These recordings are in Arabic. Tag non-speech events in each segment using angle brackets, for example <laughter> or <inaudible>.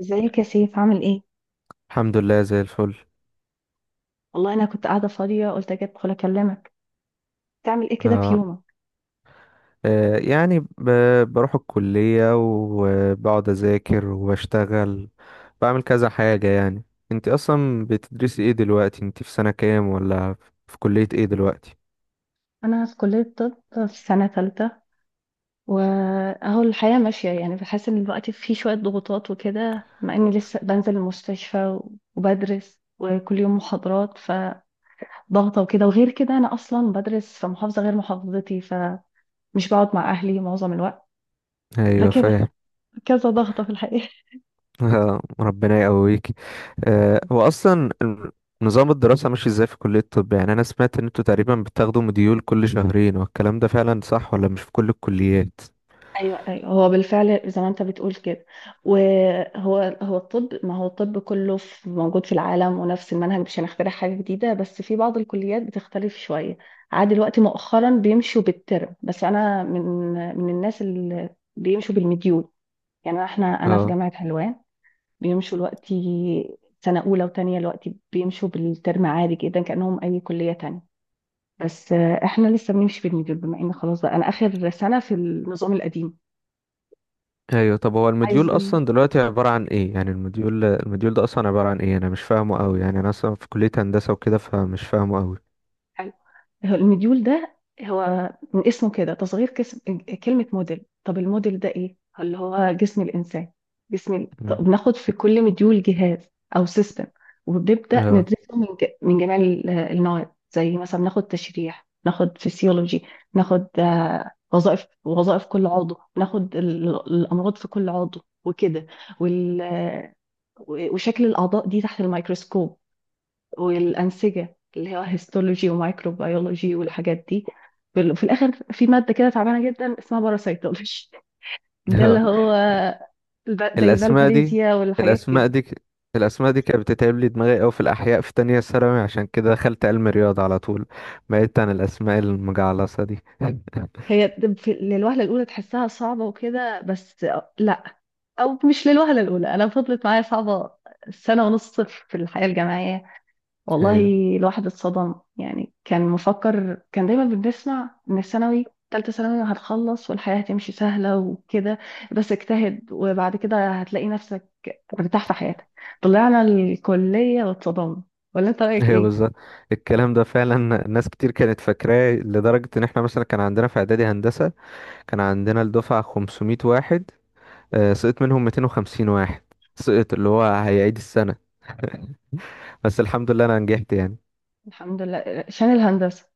ازيك يا سيف، عامل ايه؟ الحمد لله زي الفل. والله انا كنت قاعده فاضيه، قلت اجي ادخل اكلمك. تعمل ايه كده في آه. يومك؟ آه. يعني بروح الكلية وبقعد أذاكر وبشتغل. بعمل كذا حاجة يعني. انت أصلا بتدرسي ايه دلوقتي؟ انت في سنة كام ولا في كلية ايه دلوقتي؟ انا في كليه طب، في سنه ثالثه. واهو الحياه ماشيه، يعني بحس ان الوقت فيه شويه ضغوطات وكده، مع اني لسه بنزل المستشفى وبدرس وكل يوم محاضرات فضغطه وكده. وغير كده انا اصلا بدرس في محافظه غير محافظتي، فمش بقعد مع اهلي معظم الوقت. ايوه، فكده فاهم. كذا ضغطه في الحقيقه. آه. ربنا يقويك. هو أصلا نظام الدراسة ماشي ازاي في كلية الطب؟ يعني أنا سمعت ان انتوا تقريبا بتاخدوا مديول كل شهرين، والكلام ده فعلا صح ولا مش في كل الكليات؟ ايوه، ايوه، هو بالفعل زي ما انت بتقول كده. وهو الطب، ما هو الطب كله في موجود في العالم ونفس المنهج، مش هنخترع حاجه جديده. بس في بعض الكليات بتختلف شويه. عاد دلوقتي مؤخرا بيمشوا بالترم، بس انا من الناس اللي بيمشوا بالمديول. يعني احنا، انا في اه. جامعه حلوان، بيمشوا دلوقتي سنه اولى وتانية دلوقتي بيمشوا بالترم عادي جدا كانهم اي كليه تانية. بس احنا لسه بنمشي بالمديول بما ان خلاص بقى انا اخر سنه في النظام القديم. ايوه، طب هو المديول عايزني. اصلا دلوقتي عباره عن ايه؟ يعني المديول ده اصلا عباره عن ايه؟ انا مش فاهمه قوي، يعني انا اصلا في كليه هندسه وكده فمش فاهمه قوي. حلو. هو المديول ده، هو من اسمه كده تصغير كسم كلمة موديل. طب الموديل ده ايه؟ اللي هو جسم الإنسان، جسم مم. طب بناخد في كل مديول جهاز أو سيستم، وبنبدأ اه. ندرسه من جميع النواحي. زي مثلا ناخد تشريح، ناخد فسيولوجي، ناخد وظائف، وظائف كل عضو، ناخد الأمراض في كل عضو وكده. وال... آه، وشكل الأعضاء دي تحت الميكروسكوب، والأنسجة اللي هو هيستولوجي ومايكروبيولوجي والحاجات دي. في الآخر في مادة كده تعبانة جدا اسمها باراسيتولوجي. ده اللي <laughs> هو زي الاسماء دي الفالهاريزيا والحاجات الاسماء كده. دي ك- الاسماء دي كانت بتتعب لي دماغي قوي في الاحياء في تانية ثانوي، عشان كده دخلت علم رياضه على طول. بعدت عن الاسماء المجعلصه دي. <laughs> للوهلة الأولى تحسها صعبة وكده، بس لأ، أو مش للوهلة الأولى، أنا فضلت معايا صعبة سنة ونص في الحياة الجامعية. والله ايوه، الواحد اتصدم يعني، كان مفكر، كان دايما بنسمع ان الثانوي، تالتة ثانوي هتخلص والحياة هتمشي سهلة وكده، بس اجتهد وبعد كده هتلاقي نفسك مرتاح في حياتك. طلعنا الكلية واتصدمنا. ولا انت رأيك ايوه، ايه؟ بالظبط. الكلام ده فعلا. ناس كتير كانت فاكراه لدرجه ان احنا، مثلا كان عندنا في اعدادي هندسه كان عندنا الدفعه 500 واحد، سقط منهم 250 واحد. سقط اللي هو هيعيد السنة. <laughs> بس الحمد لله انا نجحت يعني. الحمد لله شان الهندسة.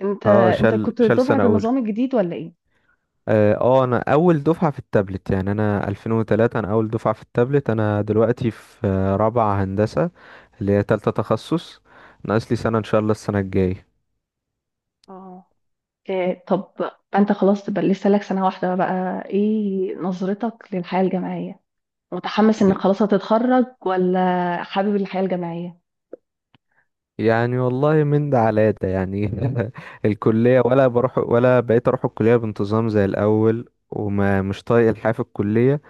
انت اه، انت شال كنت شال دفعة سنة اولى. النظام الجديد ولا ايه؟ اه، انا اول دفعة في التابلت. يعني انا 2003، انا اول دفعة في التابلت. انا دلوقتي في رابعة هندسة، اللي هي تالتة تخصص. ناقص لي سنة ان شاء الله السنة الجاية. اه، إيه طب، انت خلاص تبقى لسه لك سنة واحدة، بقى ايه نظرتك للحياة الجامعية؟ متحمس انك ي- خلاص هتتخرج ولا حابب الحياة الجامعية؟ يعني والله من ده على ده يعني. <laughs> الكلية ولا بروح، ولا بقيت اروح الكلية بانتظام زي الاول، وما مش طايق الحياة في الكلية.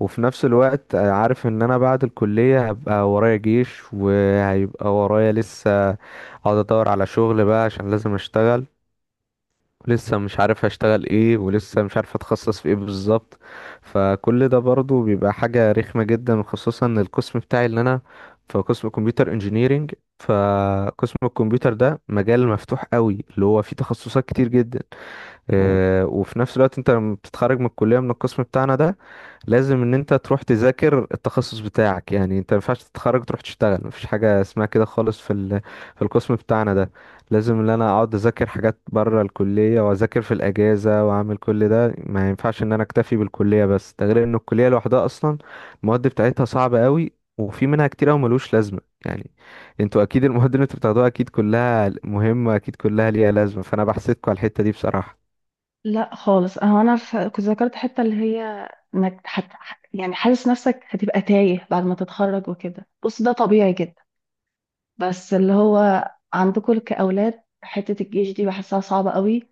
وفي نفس الوقت عارف ان انا بعد الكلية هبقى ورايا جيش، وهيبقى ورايا لسه اقعد ادور على شغل بقى عشان لازم اشتغل. ولسه مش عارف هشتغل ايه، ولسه مش عارف اتخصص في ايه بالظبط. فكل ده برضو بيبقى حاجة رخمة جدا، وخصوصا ان القسم بتاعي اللي انا في قسم كمبيوتر انجينيرينج. فقسم الكمبيوتر ده مجال مفتوح قوي اللي هو فيه تخصصات كتير جدا. وفي نفس الوقت انت لما بتتخرج من الكلية من القسم بتاعنا ده، لازم ان انت تروح تذاكر التخصص بتاعك. يعني انت ما ينفعش تتخرج تروح تشتغل، مفيش حاجه اسمها كده خالص في القسم بتاعنا ده. لازم ان انا اقعد اذاكر حاجات بره الكليه، واذاكر في الاجازه، واعمل كل ده. ما ينفعش ان انا اكتفي بالكليه بس. ده غير ان الكليه لوحدها اصلا المواد بتاعتها صعبه قوي، وفي منها كتير قوي ملوش لازمه يعني. انتوا اكيد المواد اللي انتوا بتاخدوها اكيد كلها مهمه، اكيد كلها ليها لازمه، فانا بحسدكوا على الحته دي بصراحه. لا خالص، كنت ذكرت حتة اللي هي انك يعني حاسس نفسك هتبقى تايه بعد ما تتخرج وكده. بص ده طبيعي جدا. بس اللي هو عندكم كأولاد حتة الجيش دي بحسها صعبة قوي،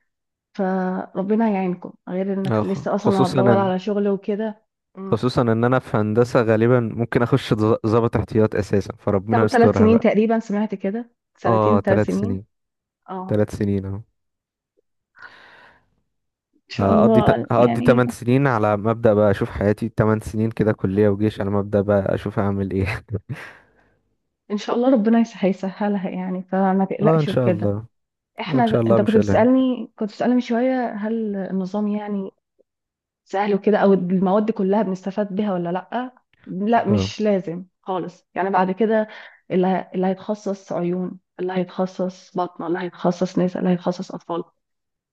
فربنا يعينكم، غير انك لسه اصلا خصوصا هتدور ان على شغل وكده. مم. خصوصا ان انا في هندسة غالبا ممكن اخش ضابط احتياط اساسا، فربنا تاخد ثلاث يسترها سنين بقى. تقريبا، سمعت كده، سنتين اه، ثلاث ثلاث سنين سنين. اه. 3 سنين اهو. ان شاء الله هقضي يعني. 8 سنين على مبدأ بقى، اشوف حياتي 8 سنين كده كلية وجيش، على مبدأ بقى اشوف هعمل ايه. ان شاء الله ربنا هيسهلها يعني، فما <laughs> اه، ان تقلقش شاء وكده. الله. ان شاء احنا الله انت كنت مش قلقان. بتسالني كنت بتسالني من شويه هل النظام يعني سهل وكده، او المواد دي كلها بنستفاد بيها ولا لا؟ لا اه. مش لازم خالص يعني. بعد كده اللي هيتخصص عيون، اللي هيتخصص بطنه، اللي هيتخصص نساء، اللي هيتخصص اطفال،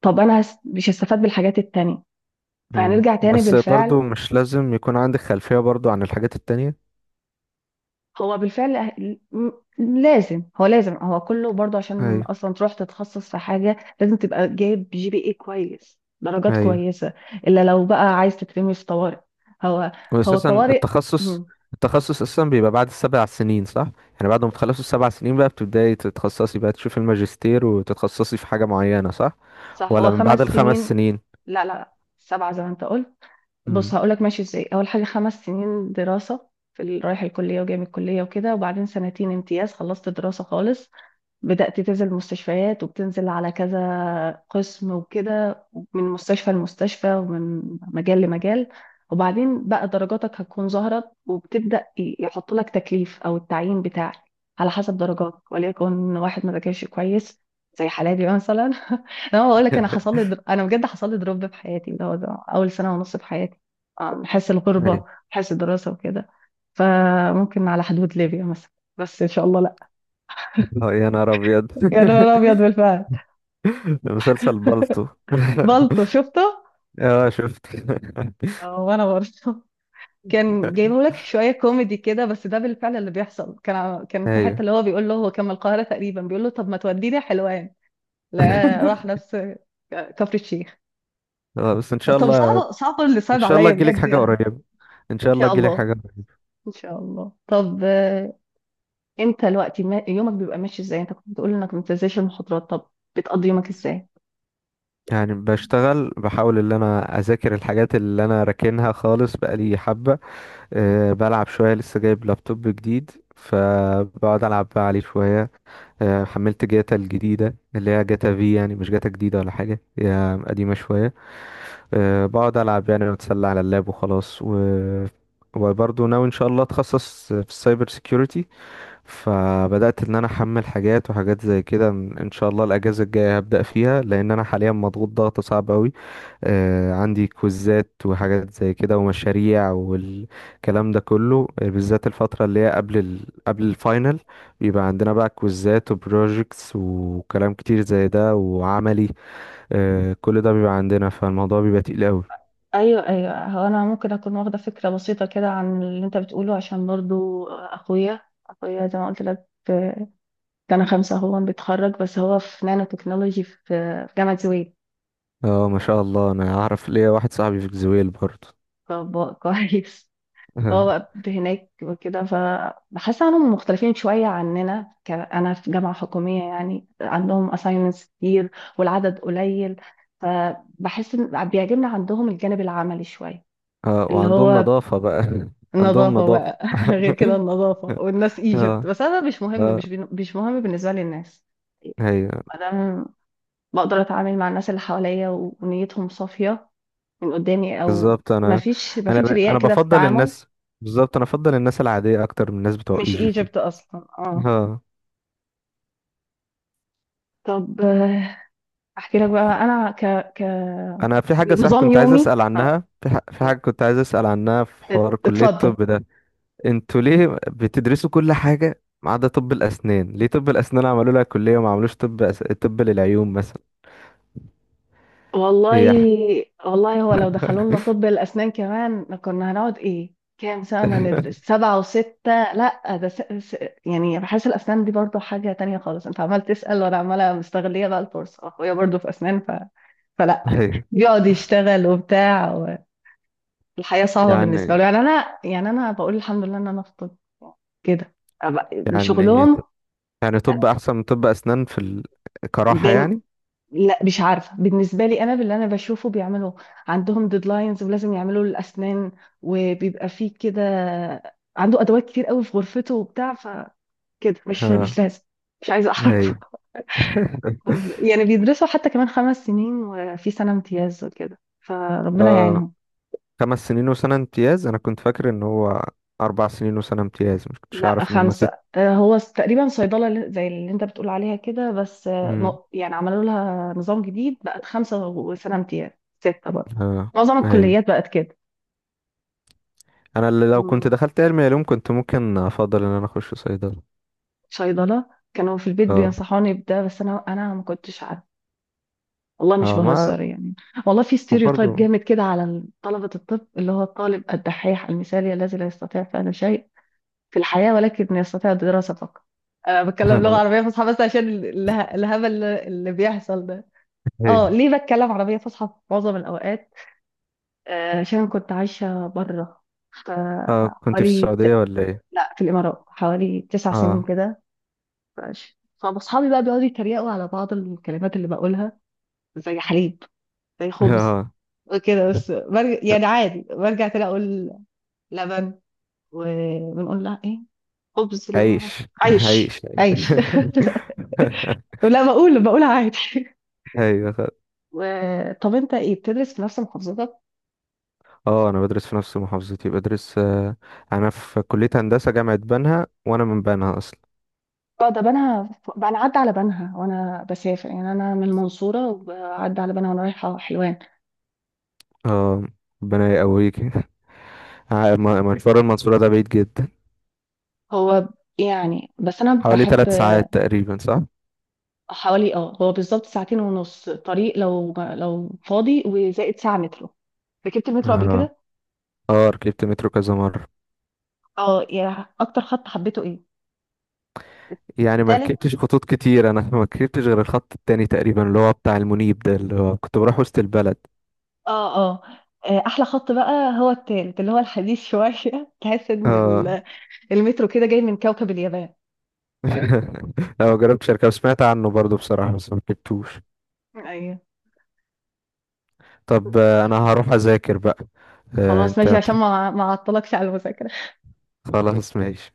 طب انا مش هستفاد بالحاجات التانية. مم. فهنرجع تاني بس بالفعل. برضو مش لازم يكون عندك خلفية برضو عن الحاجات التانية. هو بالفعل لازم، هو لازم، هو كله برضه، عشان ايوه، اصلا تروح تتخصص في حاجه لازم تبقى جايب جي بي اي كويس، درجات ايوه. كويسه. الا لو بقى عايز تترمي في طوارئ. هو هو واساسا طوارئ. التخصص، مم. اساسا بيبقى بعد السبع سنين صح؟ يعني بعد ما تخلصوا السبع سنين بقى بتبداي تتخصصي بقى، تشوفي الماجستير وتتخصصي في حاجه معينه صح؟ صح هو ولا من خمس بعد الخمس سنين سنين؟ لا لا، سبعه زي ما انت قلت. بص امم. هقولك ماشي ازاي. اول حاجه 5 سنين دراسه في رايح الكليه وجاي من الكليه وكده، وبعدين سنتين امتياز. خلصت دراسه خالص، بدأت تنزل مستشفيات، وبتنزل على كذا قسم وكده، من مستشفى لمستشفى ومن مجال لمجال. وبعدين بقى درجاتك هتكون ظهرت، وبتبدأ يحط لك تكليف أو التعيين بتاعك على حسب درجاتك. وليكن واحد ما ذاكرش كويس، زي حالاتي مثلا <laughs> انا بقول لك انا انا بجد حصل لي دروب في حياتي، اللي هو ده اول سنه ونص في حياتي. حس أي. الغربه، حس الدراسه وكده، فممكن على حدود ليبيا مثلا، بس ان شاء الله لا. <laughs> يا نهار ابيض. يا نهار <laughs> ابيض بالفعل. مسلسل بالطو. بلطو شفته. <laughs> اه، شفت. <laughs> اه وانا برضه. كان جايبه لك شويه كوميدي كده، بس ده بالفعل اللي بيحصل. كان كان في حته ايوه. اللي هو بيقول له، هو كان من القاهره تقريبا، بيقول له طب ما توديني حلوان. لا، <laughs> راح نفس كفر الشيخ. بس ان شاء طب الله. صعب، صعب اللي ان صعب شاء الله عليا تجيلك بجد حاجه يعني. قريبه. ان ان شاء الله شاء تجيلك حاجه الله. قريبة. ان شاء الله طب انت دلوقتي يومك بيبقى ماشي ازاي، انت كنت بتقول انك ما بتنزلش المحاضرات. طب بتقضي يومك ازاي؟ يعني بشتغل، بحاول ان انا اذاكر الحاجات اللي انا راكنها خالص بقالي حبه. بلعب شوية، لسه جايب لابتوب جديد، فبقعد ألعب بقى عليه شوية. حملت جاتا الجديدة اللي هي جاتا في، يعني مش جاتا جديدة ولا حاجة، هي قديمة شوية. بقعد ألعب يعني، وأتسلى على اللاب وخلاص وبرضه ناوي إن شاء الله أتخصص في السايبر سيكيورتي. فبدأت إن أنا أحمل حاجات وحاجات زي كده، إن شاء الله الأجازة الجاية هبدأ فيها، لأن أنا حاليا مضغوط ضغط صعب أوي. آه، عندي كوزات وحاجات زي كده ومشاريع والكلام ده كله، بالذات الفترة اللي هي قبل الفاينل بيبقى عندنا بقى كوزات وبروجيكتس وكلام كتير زي ده وعملي. كل ده بيبقى عندنا، فالموضوع بيبقى تقيل قوي. ايوه، ايوه، هو انا ممكن اكون واخده فكره بسيطه كده عن اللي انت بتقوله، عشان برضو اخويا، اخويا زي ما قلت لك في سنه خمسه هو بيتخرج، بس هو في نانو تكنولوجي في في جامعه زويل. اه، ما شاء الله، انا اعرف ليا واحد صاحبي في جزويل برضه. <laughs> كويس. <laughs> هو اه. بقى هناك وكده، فبحس انهم مختلفين شويه عننا. انا في جامعه حكوميه، يعني عندهم assignments كتير والعدد قليل، فبحس ان بيعجبني عندهم الجانب العملي شويه. اللي وعندهم هو نظافة بقى. <laughs> عندهم النظافة نظافة. بقى <laughs> غير كده <laughs> النظافة والناس ايجيبت، اه، بس انا مش مهم، اه، مش مهم بالنسبة لي الناس. ايوه، انا بقدر اتعامل مع الناس اللي حواليا ونيتهم صافية من قدامي، او بالظبط. ما فيش ما فيش رياء انا كده في بفضل التعامل. الناس. بالظبط انا بفضل الناس العاديه اكتر من الناس بتوع مش ايجيبت. ايجيبت اصلا. اه. ها. طب احكي لك بقى انا ك ك <laughs> انا في حاجه صح نظام كنت عايز يومي. اسال اه، عنها في، في حاجه اه، كنت عايز اسال عنها في حوار كليه اتفضل. الطب ده. انتوا ليه بتدرسوا كل حاجه ما عدا طب الاسنان؟ ليه طب الاسنان عملوا لها كليه وما عملوش طب للعيون مثلا؟ والله، هي ح... والله هو لو دخلوا لنا طب الأسنان كمان كنا هنقعد إيه كام سنة ندرس؟ <laughs> سبعة وستة؟ لا ده يعني بحس الأسنان دي برضو حاجة تانية خالص. أنت عمال تسأل وأنا عمالة مستغلية بقى الفرصة، أخويا برضو في أسنان، فلا، أيوة. بيقعد يشتغل وبتاع، والحياة صعبة يعني، بالنسبة له. يعني أنا، يعني أنا بقول الحمد لله إن أنا في طب كده. يعني شغلهم. يعني طب احسن من طب اسنان كراحه يعني. لا مش عارفة بالنسبة لي أنا، باللي أنا بشوفه بيعملوا. عندهم ديدلاينز ولازم يعملوا الأسنان، وبيبقى فيه كده عنده أدوات كتير قوي في غرفته وبتاع، فكده مش ها. لازم، مش عايزة هي. أعرف <laughs> <laughs> يعني بيدرسوا حتى كمان 5 سنين، وفي سنة امتياز وكده، فربنا اه، يعينهم. خمس سنين وسنة امتياز. انا كنت فاكر ان هو اربع سنين وسنة امتياز، مش كنتش لا اعرف ان هم ست. خمسة، تقريبا صيدلة اللي، زي اللي أنت بتقول عليها كده، بس امم. يعني عملوا لها نظام جديد، بقت خمسة وسنة امتياز، ستة برضه، اه. معظم هي، الكليات بقت انا اللي لو كنت كده. دخلت علمي علوم كنت ممكن افضل ان انا اخش صيدلة. صيدلة، كانوا في البيت اه، بينصحوني بده، بس انا ما كنتش عارفة. والله مش اه، ما بهزر يعني. والله في ستيريوتايب وبرضه. جامد كده على طلبة الطب، اللي هو الطالب الدحيح المثالي، الذي لا يستطيع فعل شيء في الحياة، ولكن يستطيع الدراسة فقط. انا بتكلم لغة <laughs> عربية فصحى بس عشان الهبل اللي بيحصل ده. هي، اه، ليه بتكلم عربية فصحى في معظم الاوقات؟ عشان كنت عايشة بره. ف- اه. كنت في حوالي السعودية ت- ولا ايه؟ لا، في الامارات حوالي 9 سنين اه. كده. ماشي، فاصحابي بقى بيقعدوا يتريقوا على بعض الكلمات اللي بقولها، زي حليب، زي <laughs> خبز اه. وكده. بس برجع يعني عادي، برجع تاني اقول لبن. وبنقول لها ايه خبز؟ اللي هو عيش عيش، عيش عيش. عيش <laughs> <laughs> لا، بقول عادي ايوه، <laughs> طب انت ايه بتدرس في نفس محافظتك؟ اه. انا بدرس في نفس محافظتي، بدرس انا في كلية هندسة جامعة بنها وانا من بنها اصلا. اه، ده بنها. انا عدى على بنها وانا بسافر، يعني انا من المنصوره وعدى على بنها وانا رايحه حلوان. اه، ربنا يقويك. <laughs> مشوار المنصورة ده بعيد جدا، هو يعني، بس انا حوالي بحب. 3 ساعات تقريبا صح؟ حوالي، اه، هو بالظبط ساعتين ونص طريق، لو فاضي، وزائد ساعة مترو. ركبت المترو قبل اه. كده. اه، ركبت مترو كذا مرة. اه. يعني اكتر خط حبيته ايه؟ يعني ما تالت. ركبتش خطوط كتير انا. <laughs> ما ركبتش غير الخط التاني تقريبا اللي هو بتاع المنيب ده، اللي هو كنت بروح وسط البلد. اه، اه، احلى خط بقى هو التالت، اللي هو الحديث شوية <laughs> تحس ان اه. المترو كده جاي من كوكب اليابان. <laughs> لا، ما جربتش اركب، سمعت عنه برضو بصراحة، بس ما ركبتوش. ايوه، طب، انا هروح اذاكر بقى. خلاص انت ماشي، عشان هتروح؟ ما اعطلكش على المذاكرة. خلاص ماشي.